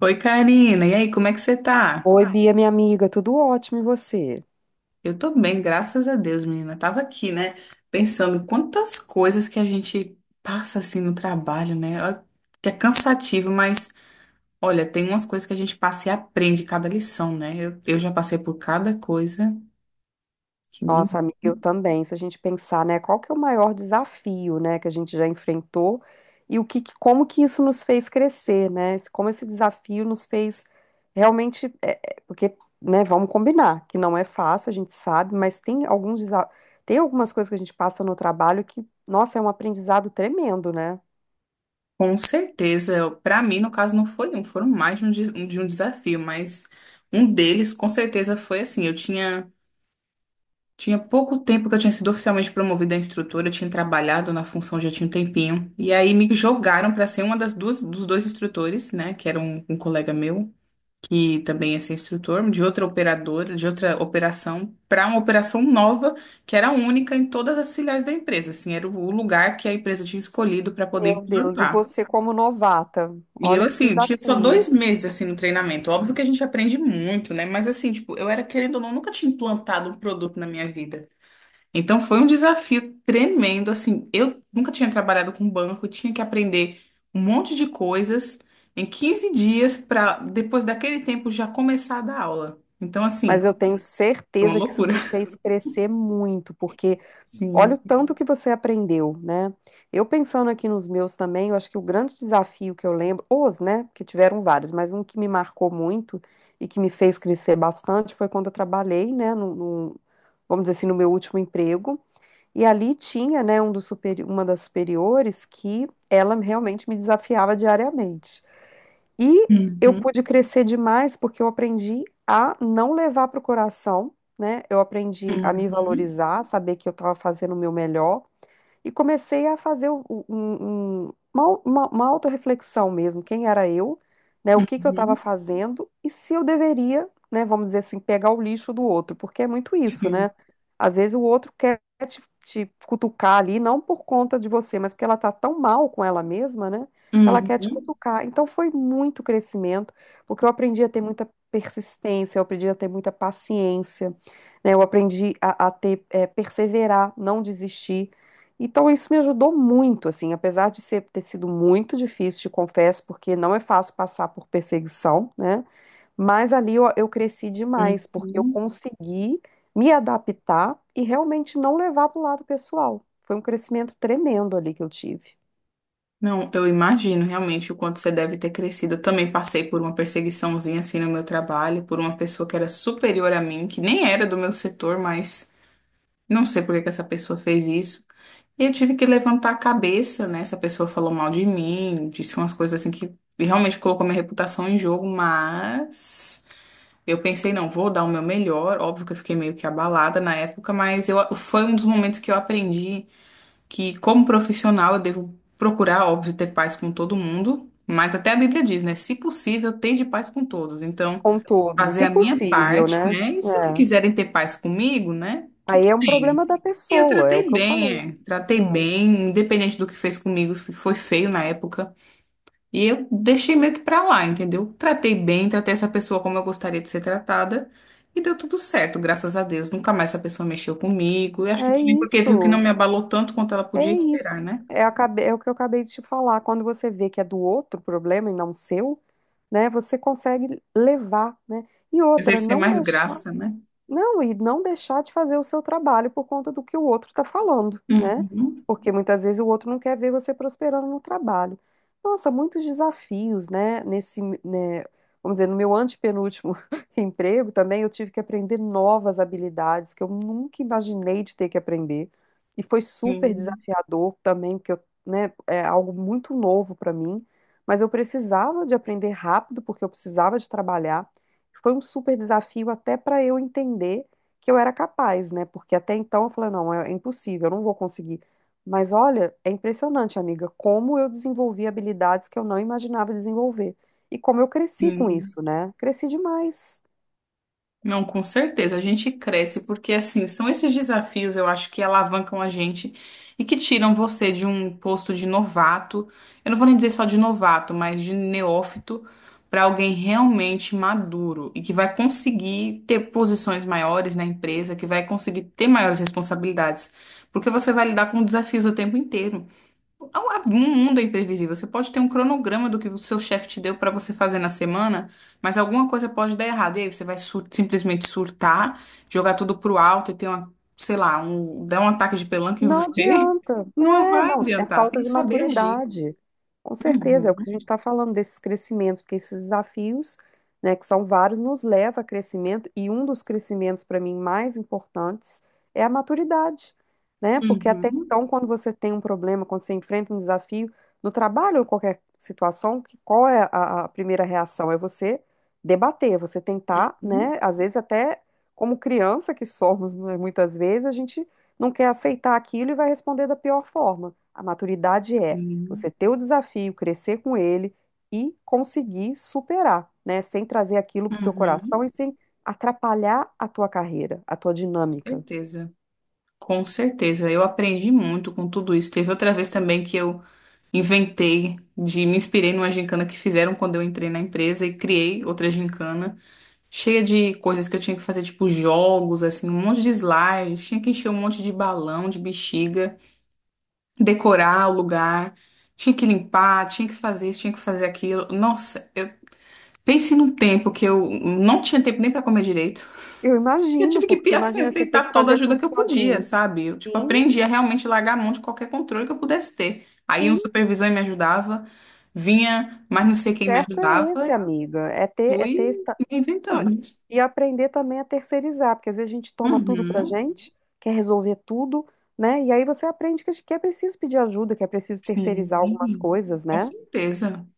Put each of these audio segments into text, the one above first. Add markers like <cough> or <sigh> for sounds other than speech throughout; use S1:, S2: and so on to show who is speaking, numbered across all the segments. S1: Oi, Karina. E aí, como é que você tá?
S2: Oi, Bia, minha amiga, tudo ótimo e você?
S1: Eu tô bem, graças a Deus, menina. Tava aqui, né, pensando quantas coisas que a gente passa assim no trabalho, né? Ó, que é cansativo, mas olha, tem umas coisas que a gente passa e aprende cada lição, né? Eu já passei por cada coisa que me.
S2: Nossa, amiga, eu também. Se a gente pensar, né, qual que é o maior desafio, né, que a gente já enfrentou e o como que isso nos fez crescer, né? Como esse desafio nos fez realmente, porque, né, vamos combinar, que não é fácil, a gente sabe, mas tem tem algumas coisas que a gente passa no trabalho que, nossa, é um aprendizado tremendo, né?
S1: Com certeza, eu- pra mim, no caso, não foi um, foram mais de um, des- de um desafio, mas um deles, com certeza, foi assim. Eu tinha. Tinha pouco tempo que eu tinha sido oficialmente promovida a instrutora, eu tinha trabalhado na função já tinha um tempinho. E aí me jogaram para ser uma das duas dos dois instrutores, né, que era um colega meu, que também ia ser instrutor de outra operadora, de outra operação, para uma operação nova, que era única em todas as filiais da empresa, assim, era o lugar que a empresa tinha escolhido para poder
S2: Meu Deus, e
S1: implantar.
S2: você como novata,
S1: E eu,
S2: olha que
S1: assim, tinha só dois
S2: desafio.
S1: meses, assim, no treinamento. Óbvio que a gente aprende muito, né? Mas, assim, tipo, eu era, querendo ou não, nunca tinha implantado um produto na minha vida. Então foi um desafio tremendo, assim, eu nunca tinha trabalhado com banco, tinha que aprender um monte de coisas em 15 dias para depois daquele tempo já começar a dar aula. Então
S2: Mas
S1: assim,
S2: eu tenho
S1: foi uma
S2: certeza que isso
S1: loucura.
S2: te fez crescer muito, porque olha o
S1: Sim.
S2: tanto que você aprendeu, né? Eu pensando aqui nos meus também, eu acho que o grande desafio que eu lembro, os, né, que tiveram vários, mas um que me marcou muito e que me fez crescer bastante foi quando eu trabalhei, né, vamos dizer assim, no meu último emprego. E ali tinha, né, uma das superiores que ela realmente me desafiava diariamente. E eu
S1: Uhum,
S2: pude crescer demais porque eu aprendi a não levar para o coração, né? Eu aprendi a me
S1: uhum,
S2: valorizar, saber que eu estava fazendo o meu melhor e comecei a fazer uma autorreflexão mesmo, quem era eu, né, o que que eu estava
S1: uhum,
S2: fazendo e se eu deveria, né, vamos dizer assim, pegar o lixo do outro, porque é muito isso,
S1: sim.
S2: né? Às vezes o outro quer te cutucar ali, não por conta de você, mas porque ela tá tão mal com ela mesma, né, que ela quer te
S1: Uhum,
S2: cutucar. Então foi muito crescimento, porque eu aprendi a ter muita persistência, eu aprendi a ter muita paciência, né, eu aprendi a ter, perseverar, não desistir. Então, isso me ajudou muito, assim, apesar de ser, ter sido muito difícil, te confesso, porque não é fácil passar por perseguição, né? Mas ali eu cresci demais, porque eu
S1: uhum.
S2: consegui me adaptar e realmente não levar para o lado pessoal. Foi um crescimento tremendo ali que eu tive,
S1: Não, eu imagino realmente o quanto você deve ter crescido. Eu também passei por uma perseguiçãozinha assim no meu trabalho, por uma pessoa que era superior a mim, que nem era do meu setor, mas não sei por que que essa pessoa fez isso. E eu tive que levantar a cabeça, né? Essa pessoa falou mal de mim, disse umas coisas assim que realmente colocou minha reputação em jogo, mas eu pensei, não, vou dar o meu melhor. Óbvio que eu fiquei meio que abalada na época, mas eu, foi um dos momentos que eu aprendi que, como profissional, eu devo procurar, óbvio, ter paz com todo mundo. Mas até a Bíblia diz, né? Se possível, tende paz com todos. Então,
S2: com todos,
S1: fazer
S2: se
S1: a minha
S2: possível,
S1: parte,
S2: né?
S1: né? E se não
S2: É.
S1: quiserem ter paz comigo, né?
S2: Aí
S1: Tudo
S2: é um
S1: bem.
S2: problema da
S1: E eu
S2: pessoa, é o
S1: tratei
S2: que eu
S1: bem,
S2: falei.
S1: é. Tratei bem, independente do que fez comigo, f- foi feio na época. E eu deixei meio que pra lá, entendeu? Tratei bem, tratei essa pessoa como eu gostaria de ser tratada. E deu tudo certo, graças a Deus. Nunca mais essa pessoa mexeu comigo. E acho
S2: É,
S1: que
S2: é
S1: também porque viu que não
S2: isso.
S1: me abalou tanto quanto ela podia
S2: É
S1: esperar,
S2: isso.
S1: né?
S2: É, é o que eu acabei de te falar. Quando você vê que é do outro problema e não seu, né, você consegue levar, né? E outra,
S1: Exercer
S2: não
S1: mais
S2: deixar.
S1: graça, né?
S2: Não, e não deixar de fazer o seu trabalho por conta do que o outro está falando, né?
S1: Uhum.
S2: Porque muitas vezes o outro não quer ver você prosperando no trabalho. Nossa, muitos desafios, né? Nesse, né, vamos dizer, no meu antepenúltimo <laughs> emprego também, eu tive que aprender novas habilidades que eu nunca imaginei de ter que aprender. E foi super
S1: Sim.
S2: desafiador também, porque eu, né, é algo muito novo para mim. Mas eu precisava de aprender rápido, porque eu precisava de trabalhar. Foi um super desafio até para eu entender que eu era capaz, né? Porque até então eu falei, não, é impossível, eu não vou conseguir. Mas olha, é impressionante, amiga, como eu desenvolvi habilidades que eu não imaginava desenvolver. E como eu cresci com
S1: Sim.
S2: isso, né? Cresci demais.
S1: Não, com certeza. A gente cresce porque, assim, são esses desafios, eu acho, que alavancam a gente e que tiram você de um posto de novato. Eu não vou nem dizer só de novato, mas de neófito para alguém realmente maduro e que vai conseguir ter posições maiores na empresa, que vai conseguir ter maiores responsabilidades, porque você vai lidar com desafios o tempo inteiro. O mundo é imprevisível. Você pode ter um cronograma do que o seu chefe te deu para você fazer na semana, mas alguma coisa pode dar errado. E aí você vai sur- simplesmente surtar, jogar tudo pro alto e ter uma, sei lá, um, dar um ataque de pelanca em
S2: Não
S1: você.
S2: adianta.
S1: <laughs> Não
S2: É,
S1: vai
S2: não, é
S1: adiantar.
S2: falta
S1: Tem que
S2: de
S1: saber agir.
S2: maturidade. Com certeza, é o que a
S1: Uhum,
S2: gente está falando desses crescimentos, porque esses desafios, né, que são vários, nos leva a crescimento, e um dos crescimentos, para mim, mais importantes é a maturidade, né? Porque até
S1: uhum,
S2: então, quando você tem um problema, quando você enfrenta um desafio, no trabalho ou qualquer situação, que, qual é a primeira reação? É você debater, você tentar,
S1: uhum,
S2: né? Às vezes até como criança que somos, né, muitas vezes, a gente não quer aceitar aquilo e vai responder da pior forma. A maturidade é
S1: uhum,
S2: você ter o desafio, crescer com ele e conseguir superar, né? Sem trazer aquilo para o teu coração
S1: uhum.
S2: e sem atrapalhar a tua carreira, a tua dinâmica.
S1: Certeza. Com certeza. Eu aprendi muito com tudo isso. Teve outra vez também que eu inventei de me inspirei numa gincana que fizeram quando eu entrei na empresa e criei outra gincana cheia de coisas que eu tinha que fazer, tipo jogos, assim, um monte de slides, tinha que encher um monte de balão, de bexiga, decorar o lugar, tinha que limpar, tinha que fazer isso, tinha que fazer aquilo. Nossa, eu pensei num tempo que eu não tinha tempo nem pra comer direito.
S2: Eu
S1: Eu
S2: imagino,
S1: tive que,
S2: porque
S1: assim,
S2: imagina você ter que
S1: aceitar toda a
S2: fazer
S1: ajuda
S2: tudo
S1: que eu podia,
S2: sozinho.
S1: sabe? Eu, tipo,
S2: Sim,
S1: aprendi a realmente largar a mão de qualquer controle que eu pudesse ter. Aí um
S2: sim,
S1: supervisor me ajudava, vinha, mas não
S2: o
S1: sei quem me
S2: certo é
S1: ajudava,
S2: esse,
S1: e
S2: amiga, é
S1: fui
S2: ter esse.
S1: me
S2: Não,
S1: reinventando.
S2: e aprender também a terceirizar, porque às vezes a gente toma tudo pra
S1: Uhum.
S2: gente, quer resolver tudo, né? E aí você aprende que é preciso pedir ajuda, que é preciso terceirizar algumas
S1: Sim,
S2: coisas,
S1: com
S2: né?
S1: certeza.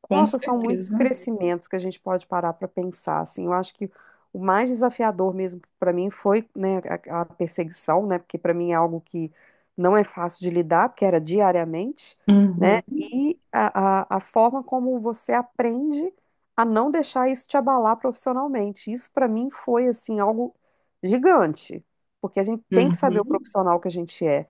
S1: Com
S2: Nossa, são muitos
S1: certeza.
S2: crescimentos que a gente pode parar para pensar, assim. Eu acho que o mais desafiador mesmo para mim foi, né, a perseguição, né, porque para mim é algo que não é fácil de lidar, porque era diariamente, né,
S1: Uhum.
S2: e a forma como você aprende a não deixar isso te abalar profissionalmente. Isso para mim foi, assim, algo gigante, porque a gente tem que saber o
S1: Uhum.
S2: profissional que a gente é,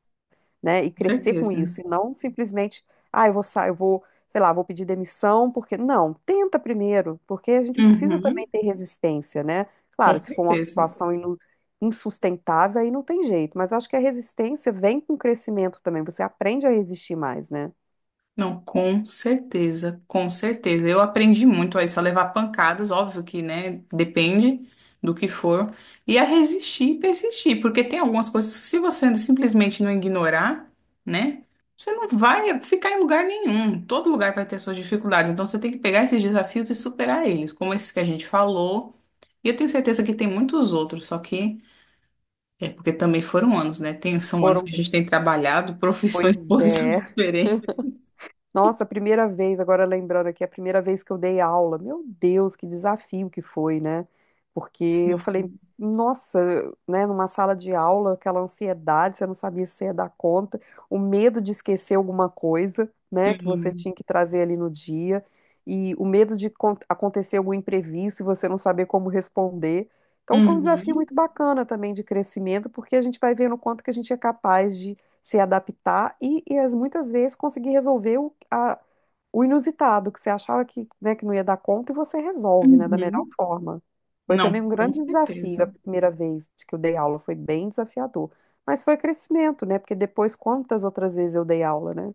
S2: né? E
S1: Com
S2: crescer com
S1: certeza.
S2: isso, e não simplesmente, ah, eu vou sair, eu vou, sei lá, vou pedir demissão, porque não, tenta primeiro, porque a gente precisa
S1: Uhum.
S2: também ter resistência, né?
S1: Com
S2: Claro, se for uma
S1: certeza.
S2: situação insustentável, aí não tem jeito, mas eu acho que a resistência vem com o crescimento também, você aprende a resistir mais, né?
S1: Não, com certeza, com certeza. Eu aprendi muito a isso, a levar pancadas, óbvio que, né, depende do que for, e a resistir e persistir, porque tem algumas coisas que se você simplesmente não ignorar, né, você não vai ficar em lugar nenhum. Todo lugar vai ter suas dificuldades, então você tem que pegar esses desafios e superar eles, como esses que a gente falou. E eu tenho certeza que tem muitos outros, só que é porque também foram anos, né? Tem, são anos que a
S2: Foram,
S1: gente tem trabalhado <laughs> profissões e
S2: pois
S1: posições
S2: é.
S1: diferentes.
S2: Nossa, a primeira vez, agora lembrando aqui, a primeira vez que eu dei aula, meu Deus, que desafio que foi, né? Porque eu falei, nossa, né, numa sala de aula, aquela ansiedade, você não sabia se ia dar conta, o medo de esquecer alguma coisa, né, que você
S1: Sim.
S2: tinha que trazer ali no dia, e o medo de acontecer algum imprevisto e você não saber como responder. Então foi um desafio
S1: Uhum,
S2: muito bacana também de crescimento, porque a gente vai vendo o quanto que a gente é capaz se adaptar e muitas vezes conseguir resolver o inusitado, que você achava que, né, que não ia dar conta e você resolve, né, da melhor
S1: uhum.
S2: forma. Foi
S1: Não,
S2: também um
S1: com
S2: grande desafio a
S1: certeza.
S2: primeira vez que eu dei aula, foi bem desafiador. Mas foi crescimento, né? Porque depois, quantas outras vezes eu dei aula, né?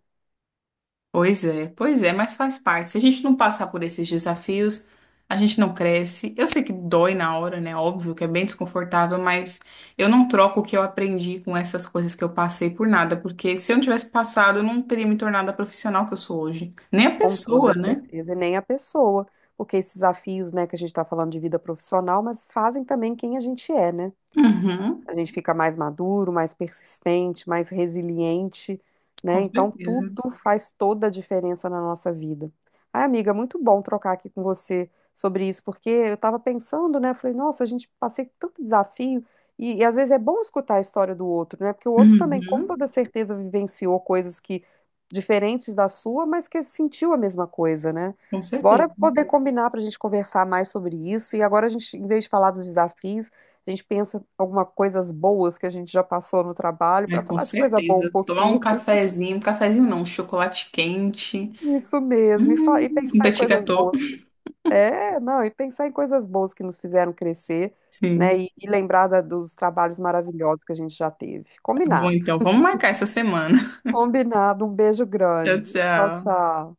S1: Pois é, mas faz parte. Se a gente não passar por esses desafios, a gente não cresce. Eu sei que dói na hora, né? Óbvio que é bem desconfortável, mas eu não troco o que eu aprendi com essas coisas que eu passei por nada, porque se eu não tivesse passado, eu não teria me tornado a profissional que eu sou hoje. Nem a
S2: Com toda
S1: pessoa, né?
S2: certeza, e nem a pessoa, porque esses desafios, né, que a gente está falando de vida profissional, mas fazem também quem a gente é, né?
S1: Uhum,
S2: A gente fica mais maduro, mais persistente, mais resiliente, né?
S1: com
S2: Então,
S1: certeza.
S2: tudo faz toda a diferença na nossa vida. Ai, amiga, muito bom trocar aqui com você sobre isso, porque eu estava pensando, né? Falei, nossa, a gente passei tanto desafio. E às vezes é bom escutar a história do outro, né? Porque o outro também, com
S1: Uhum,
S2: toda certeza, vivenciou coisas que diferentes da sua, mas que sentiu a mesma coisa, né?
S1: com
S2: Bora
S1: certeza.
S2: poder combinar para a gente conversar mais sobre isso. E agora a gente, em vez de falar dos desafios, a gente pensa em algumas coisas boas que a gente já passou no trabalho
S1: É,
S2: para
S1: com
S2: falar de coisa boa um
S1: certeza. Tomar
S2: pouquinho.
S1: um cafezinho não, um chocolate quente.
S2: <laughs> Isso mesmo,
S1: Hum,
S2: e
S1: um
S2: pensar em
S1: petit
S2: coisas
S1: gâteau.
S2: boas. É, não, e pensar em coisas boas que nos fizeram crescer, né?
S1: Sim.
S2: E lembrar dos trabalhos maravilhosos que a gente já teve.
S1: Tá bom,
S2: Combinado.
S1: então, vamos marcar essa semana.
S2: Combinado. Um beijo
S1: <laughs> Tchau,
S2: grande. Tchau,
S1: tchau.
S2: tchau.